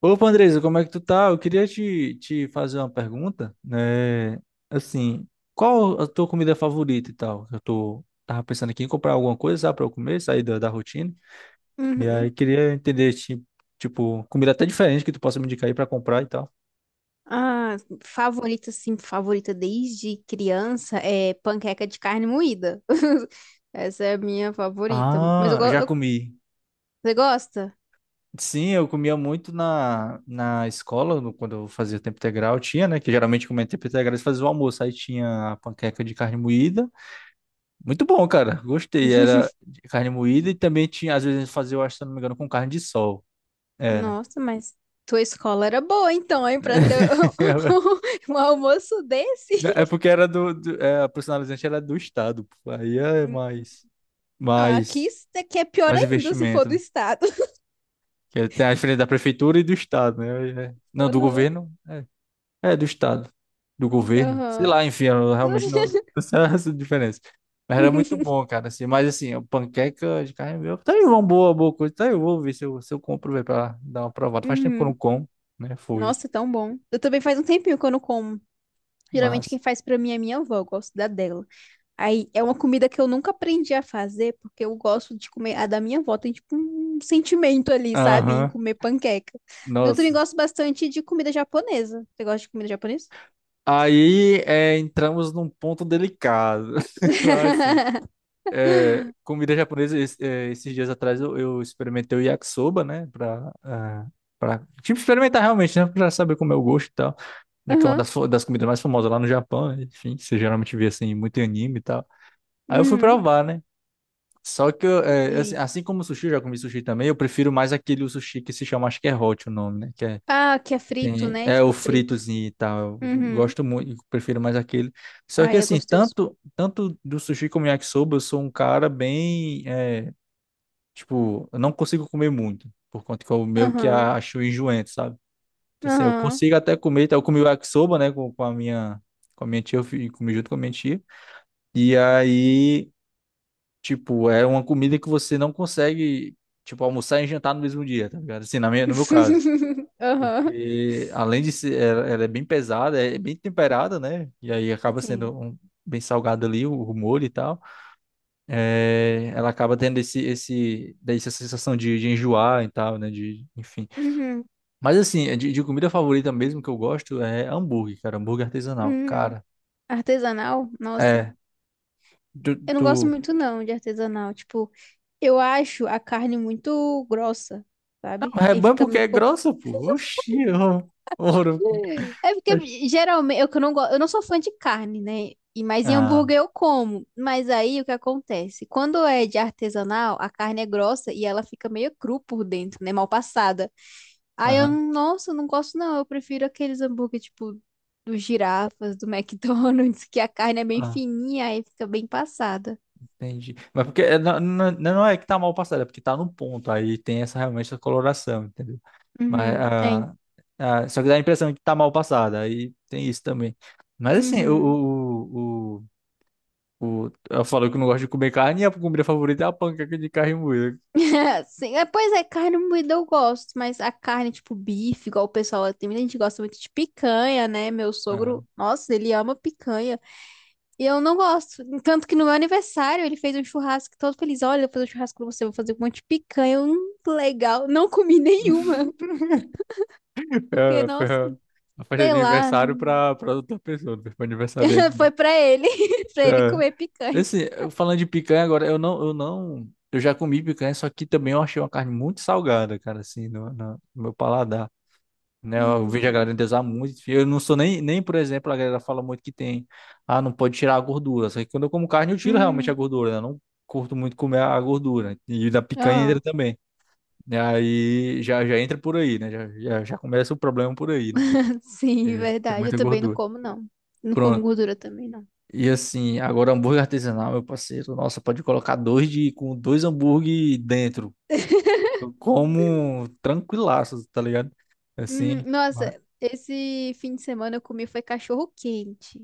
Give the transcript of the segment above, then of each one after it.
Opa, Andresa, como é que tu tá? Eu queria te fazer uma pergunta, né? Assim, qual a tua comida favorita e tal? Tava pensando aqui em comprar alguma coisa, sabe, pra eu comer, sair da rotina. E aí Uhum. queria entender, tipo, comida até diferente que tu possa me indicar aí pra comprar e tal. Ah, Favorita, sim, favorita desde criança é panqueca de carne moída. Essa é a minha favorita. Ah, já comi. Você gosta? Sim, eu comia muito na escola, quando eu fazia tempo integral, tinha, né? Que geralmente comia tempo integral, eles faziam o almoço, aí tinha a panqueca de carne moída. Muito bom, cara. Gostei. Era de carne moída e também tinha, às vezes, a gente fazia, eu acho, se eu não me engano, com carne de sol. Era. Nossa, mas tua escola era boa, então, hein, pra ter um almoço desse? É porque era a personalizante era do estado, pô. Aí é Hum. Ah, aqui, mais, isso daqui é pior mais ainda se for investimento, do né? estado. Que é, tem a diferença da prefeitura e do estado, né? Não, do Aham, governo. É, do Estado, do governo. Sei aham. lá, enfim, eu realmente não, não sei essa diferença. Mas era muito bom, cara, assim. Mas assim, o panqueca de carne moída, tá aí uma boa coisa. Tá aí, eu vou ver se eu compro, velho, pra dar uma provada. Faz tempo que eu Uhum. não como, né? Foi, Nossa, tão bom. Eu também faz um tempinho que eu não como. Geralmente quem mas. faz pra mim é minha avó, eu gosto da dela. Aí é uma comida que eu nunca aprendi a fazer, porque eu gosto de comer a da minha avó, tem tipo um sentimento ali, sabe? Em Aham, comer panqueca. Mas eu também nossa. gosto bastante de comida japonesa. Você gosta de comida japonesa? Aí, entramos num ponto delicado. Assim, comida japonesa, esses dias atrás eu experimentei o yakisoba, né? Pra, tipo, experimentar realmente, né? Pra saber como é o gosto e tal. Né, que é uma Aham. Das comidas mais famosas lá no Japão, né, enfim, você geralmente vê assim, muito em anime e tal. Aí eu fui Uhum. provar, né? Só que, assim, E- assim como o sushi, eu já comi sushi também, eu prefiro mais aquele sushi que se chama, acho que é hot o nome, né? Que é, Ah, que é frito, né? é o Tipo frito. fritozinho e tal. Eu Uhum. gosto muito, prefiro mais aquele. Só Ah, que, é assim, gostoso. Tanto do sushi como yakisoba, eu sou um cara bem, tipo, eu não consigo comer muito, por conta que o meu que Aham. acho enjoento, sabe? Então, assim, eu Aham. consigo até comer, então eu comi o yakisoba, né, com a minha tia, comi junto com a minha tia. E aí, tipo, é uma comida que você não consegue, tipo, almoçar e jantar no mesmo dia, tá ligado? Assim, no meu caso. Aham. Porque além de ser, ela é bem pesada, é bem temperada, né? E aí acaba sendo Sim. Bem salgado ali o molho e tal. É, ela acaba tendo daí essa sensação de enjoar e tal, né? Enfim. Uhum. Mas assim, é de comida favorita mesmo que eu gosto é hambúrguer, cara. Hambúrguer artesanal, Uhum. cara. Artesanal? Nossa. É. Tu, Eu não tu... gosto muito não de artesanal. Tipo, eu acho a carne muito grossa, Não, sabe? mas é E aí bom fica porque um é pouco. grossa, pô. Oxi, eu... ouro. É porque geralmente eu que não gosto, eu não sou fã de carne, né? E mas em Ah, hambúrguer eu como. Mas aí o que acontece? Quando é de artesanal, a carne é grossa e ela fica meio cru por dentro, né? Mal passada. Aí eu, aham. nossa, eu não gosto não. Eu prefiro aqueles hambúrguer tipo dos girafas, do McDonald's, que a carne é bem Ah, fininha, e fica bem passada. entendi. Mas porque não, não, não é que tá mal passado, é porque tá no ponto. Aí tem essa realmente essa coloração, entendeu? Mas, Uhum, é. Só que dá a impressão que tá mal passada. Aí tem isso também. Mas assim, Uhum. Eu falo que eu não gosto de comer carne e a comida favorita é a panqueca de carne moída. Sim, é, pois é, carne moída eu gosto, mas a carne, tipo, bife, igual o pessoal, tem muita gente que gosta muito de picanha, né? Meu sogro, nossa, ele ama picanha. E eu não gosto. Tanto que no meu aniversário ele fez um churrasco todo feliz. Olha, eu vou fazer um churrasco pra você, eu vou fazer um monte de picanha. Eu, hum, legal. Não comi nenhuma, porque, Foi nossa, a festa sei de lá, aniversário não. Pra outra pessoa, não foi pra aniversariante, não. Foi pra ele, pra ele comer É. picanha. Assim, eu falando de picanha agora, eu não, eu não, eu já comi picanha, só que também eu achei uma carne muito salgada, cara, assim, no meu paladar. Né, eu Hum, vejo a galera hum. endeusar muito. Eu não sou nem, por exemplo, a galera fala muito que tem, não pode tirar a gordura. Só que quando eu como carne, eu tiro realmente a Hum. gordura, né? Eu não curto muito comer a gordura. E da picanha Ah, entra também. E aí já entra por aí, né? Já começa o problema por aí, né? sim, É, tem verdade. Eu muita também não gordura. como, não. Não como Pronto. gordura também, não. E assim, agora hambúrguer artesanal, meu parceiro. Nossa, pode colocar dois de com dois hambúrguer dentro. Eu como tranquilaço, tá ligado? Assim, vai. Nossa, esse fim de semana eu comi foi cachorro quente.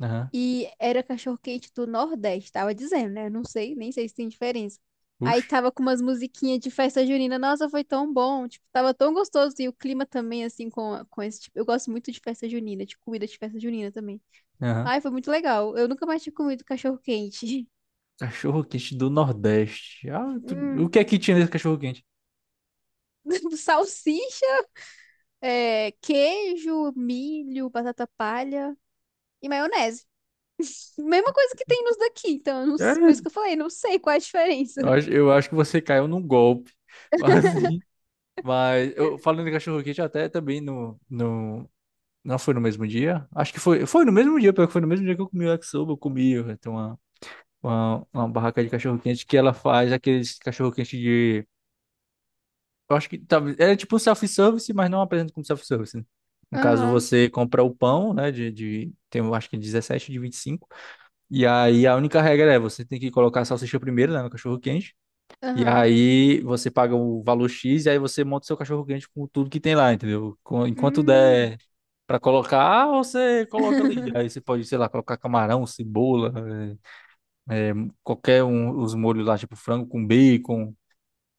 Aham. E era cachorro quente do Nordeste, tava dizendo, né? Não sei, nem sei se tem diferença. Aí Puxa. tava com umas musiquinhas de festa junina. Nossa, foi tão bom, tipo, tava tão gostoso. E o clima também, assim, com esse tipo. Eu gosto muito de festa junina, de comida de festa junina também. Aham. Ai, foi muito legal. Eu nunca mais tinha comido cachorro quente. Cachorro quente do Nordeste. Ah, o Hum. que é que tinha nesse cachorro quente? Salsicha, é, queijo, milho, batata palha e maionese. Mesma coisa que tem nos daqui, então, eu não É, s- por isso que eu falei, não sei qual é a diferença. Eu acho que você caiu num golpe. Mas, assim, mas eu falando de cachorro quente até também no. Não foi no mesmo dia? Acho que foi no mesmo dia, porque foi no mesmo dia que eu comi o yakisoba, tem uma barraca de cachorro-quente que ela faz aqueles cachorro-quente de, eu acho que talvez, é tipo um self-service, mas não apresenta como self-service, né? No caso, Aham, você compra o pão, né, eu acho que é 17 de 25, e cinco. E aí a única regra é, você tem que colocar a salsicha primeiro, né, no cachorro-quente, e aham. aí você paga o valor X, e aí você monta o seu cachorro-quente com tudo que tem lá, entendeu? Enquanto Hum. der pra colocar, você coloca ali. Aí você pode, sei lá, colocar camarão, cebola, é, é, qualquer um, os molhos lá, tipo frango com bacon.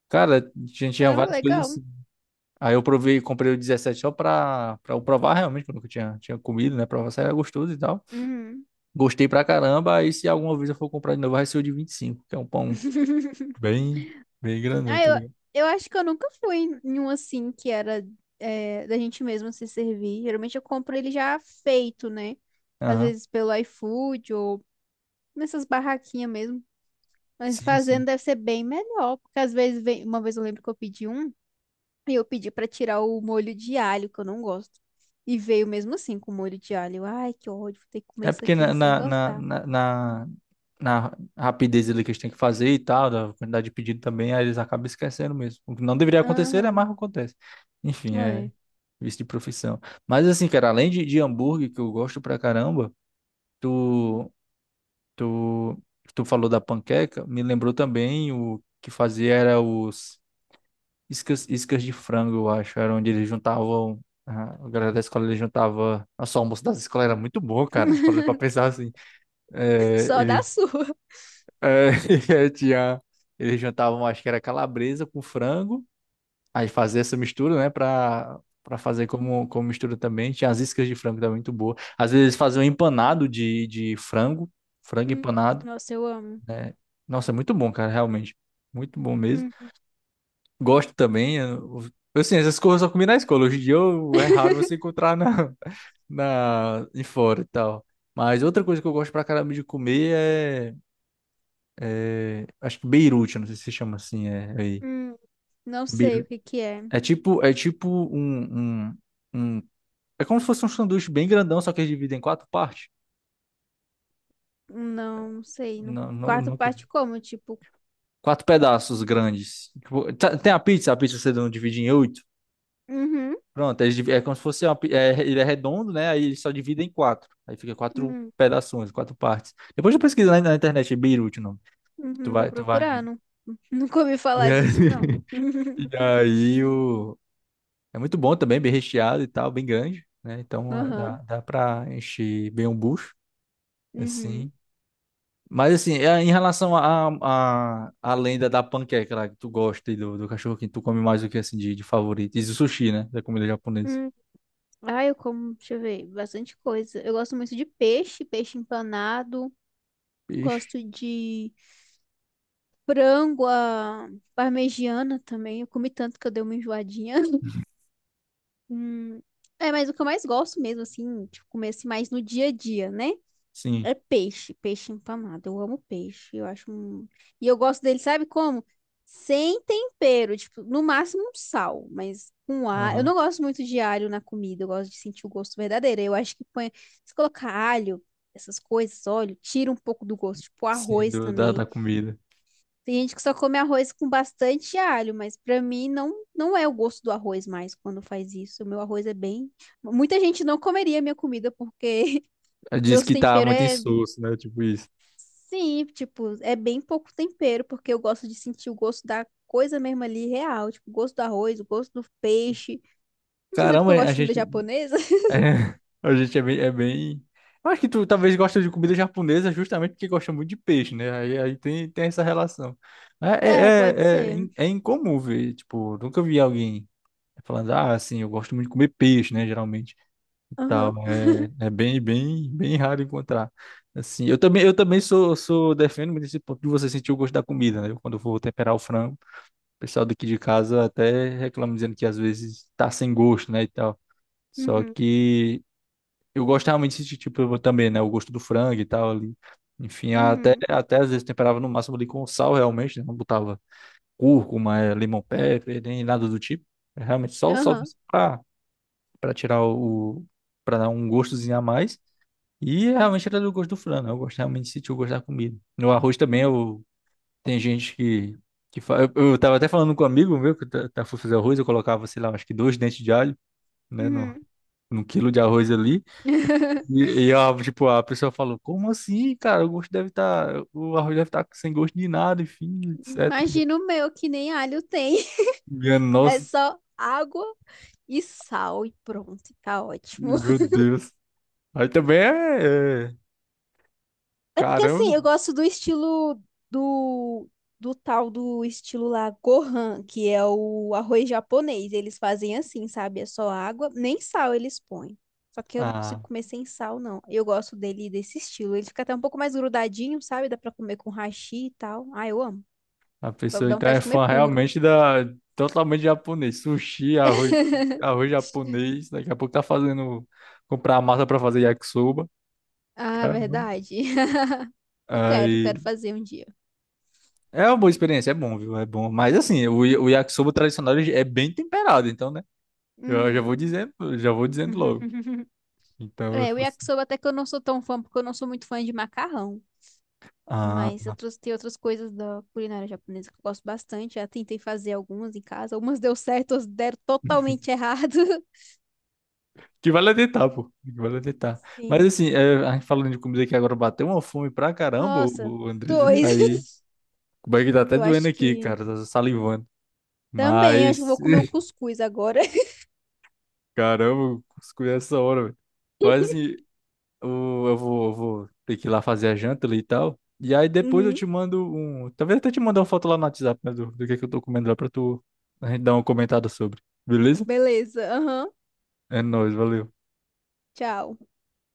Cara, a gente tinha Caramba, várias coisas legal. assim. Aí eu provei, comprei o 17 só pra eu provar realmente, porque eu nunca tinha comido, né? Provar se era gostoso e tal. Uhum. Gostei pra caramba. Aí se alguma vez eu for comprar de novo, vai ser o de 25 que é um pão bem, bem grandão, Ah, tá eu, ligado? eu acho que eu nunca fui em um assim que era é, da gente mesma se servir. Geralmente eu compro ele já feito, né? Às Aham. vezes pelo iFood ou nessas barraquinhas mesmo. Mas Sim, fazendo sim. deve ser bem melhor, porque às vezes vem, uma vez eu lembro que eu pedi um. E eu pedi pra tirar o molho de alho, que eu não gosto. E veio mesmo assim com molho de alho. Ai, que ódio, vou ter que comer É isso porque aqui sem gostar. Na rapidez ali que eles têm que fazer e tal, da quantidade de pedido também, aí eles acabam esquecendo mesmo. O que não deveria acontecer é mais Aham, que acontece. Enfim, é é. vício de profissão. Mas assim, cara, além de hambúrguer, que eu gosto pra caramba, tu, tu, tu falou da panqueca, me lembrou também o que fazia era os iscas, de frango, eu acho, era onde eles juntavam. A galera da escola, eles juntava. Nossa, o almoço das escolas era muito bom, cara. Falando pra pensar assim. É, Só ele, da sua. é, tinha, eles jantavam, acho que era calabresa com frango. Aí fazia essa mistura, né? Pra fazer como mistura também. Tinha as iscas de frango também muito boa. Às vezes eles faziam empanado de frango. Frango Hum, empanado, Nossa, eu amo. né? Nossa, é muito bom, cara, realmente. Muito bom mesmo. Hum, Gosto também. Assim, essas coisas eu só comi na escola. Hoje em dia é raro você encontrar na, em fora e tal. Mas outra coisa que eu gosto pra caramba de comer é. Acho que Beirute, não sei se chama assim, é aí. hum. Não sei o Beirute. que que é. É tipo, é tipo um, um, um- É como se fosse um sanduíche bem grandão, só que eles dividem em quatro partes. Não, não sei. No Não, não, quarto não- parte como, tipo, quatro pedaços grandes. Tipo, tem a pizza, você não divide em oito. uhum, Pronto, é como se fosse ele é redondo, né? Aí eles só divide em quatro. Aí fica quatro uhum, pedaços, quatro partes. Depois eu pesquisa na internet, é Beirute o nome. Uhum, vou Tu vai procurar, ver. não, não comi E falar aí, disso, não. e aí o, é muito bom também, bem recheado e tal, bem grande, né? Então dá Aham, pra encher bem um bucho, uhum, assim. Mas assim, em relação à lenda da panqueca lá que tu gosta e do cachorro quente, tu come mais o que assim de favorito? Diz o sushi, né? Da comida japonesa. uhum. Ah, eu como, deixa eu ver, bastante coisa. Eu gosto muito de peixe, peixe empanado. Peixe, Gosto de Frango à parmegiana também. Eu comi tanto que eu dei uma enjoadinha. Hum, é, mas o que eu mais gosto mesmo, assim, tipo, comer assim, mais no dia a dia, né? sim. É peixe, peixe empanado. Eu amo peixe. Eu acho um... E eu gosto dele, sabe como? Sem tempero, tipo, no máximo um sal, mas com alho. Eu Aham. não gosto muito de alho na comida, eu gosto de sentir o gosto verdadeiro. Eu acho que põe, Se colocar alho, essas coisas, óleo, tira um pouco do gosto, tipo Sim, arroz da também. comida. Tem gente que só come arroz com bastante alho, mas pra mim não não é o gosto do arroz mais quando faz isso. O meu arroz é bem Muita gente não comeria minha comida porque Ela diz meus que tá temperos muito é insosso, né? Tipo isso. sim, tipo, é bem pouco tempero, porque eu gosto de sentir o gosto da coisa mesmo ali real, tipo, o gosto do arroz, o gosto do peixe. Não sei se é porque Caramba, eu gosto a de comida gente. japonesa. É, A gente é bem, é bem. Eu acho que tu talvez gosta de comida japonesa justamente porque gosta muito de peixe, né? Aí tem essa relação. É, É, pode é, é, é, ser. in- é incomum ver, tipo, nunca vi alguém falando, assim, eu gosto muito de comer peixe, né? Geralmente e tal. Aham. Bem, raro encontrar. Assim, eu também, sou, defendo muito esse ponto de você sentir o gosto da comida, né? Quando eu vou temperar o frango, o pessoal daqui de casa até reclama dizendo que às vezes tá sem gosto, né? E tal. Só Uhum. que eu gosto realmente desse tipo eu também, né? O gosto do frango e tal ali. Enfim, Uhum. até às vezes temperava no máximo ali com sal, realmente, né? Não botava cúrcuma, lemon pepper, nem nada do tipo. É realmente só o sal Aham. pra, pra tirar o, pra dar um gostozinho a mais. E realmente era do gosto do frango, né? Eu gosto realmente de sentir o gosto da comida. No arroz também, Uhum. eu, tem gente que. Que fa... eu tava até falando com um amigo meu que foi fazer arroz, eu colocava, sei lá, acho que dois dentes de alho, né? No, Uhum. no quilo de arroz ali. A, tipo, a pessoa falou, como assim, cara? O gosto deve estar. O arroz deve estar sem gosto de nada, enfim, etc. Imagina o meu, que nem alho tem. Minha É nossa, só água e sal e pronto, tá ótimo. meu Deus. Aí também é. É, É porque assim, Caramba. eu gosto do estilo do, do Tal do estilo lá Gohan, que é o arroz japonês. Eles fazem assim, sabe? É só água, nem sal eles põem. Só que eu não Ah, consigo comer sem sal, não. Eu gosto dele desse estilo. Ele fica até um pouco mais grudadinho, sabe? Dá pra comer com hashi e tal. Ah, eu amo. a Vai pessoa dar então vontade é de comer fã puro. realmente da. Totalmente japonês. Sushi, arroz japonês. Daqui a pouco tá fazendo. Comprar a massa pra fazer yakisoba. Ah, Caramba. verdade. Aí. quero fazer um dia. É uma boa experiência, é bom, viu? É bom. Mas assim, o yakisoba tradicional ele é bem temperado, então né? Eu Uhum. Já vou dizendo logo. Então, eu É, o falo assim, yakisoba até que eu não sou tão fã, porque eu não sou muito fã de macarrão. ah, Mas outros, tem outras coisas da culinária japonesa que eu gosto bastante. Já tentei fazer algumas em casa. Algumas deu certo, outras deram totalmente errado. que vale é tentar, pô. Que vale é tentar. Mas Sim. assim, a gente falando de comida aqui agora bateu uma fome pra caramba, Nossa, o Andrés. E dois. aí, o bag tá até Eu doendo acho aqui, que. cara, tá salivando. Também, acho que eu Mas, vou comer um cuscuz agora. caramba, escolhi essa hora, velho. Mas assim, eu vou, ter que ir lá fazer a janta ali e tal. E aí depois eu Uhum. te mando um. Talvez até te mandar uma foto lá no WhatsApp, né, do que é que eu tô comendo lá pra tu a gente dar uma comentada sobre. Beleza? Beleza. Aham. É nóis, valeu. Tchau.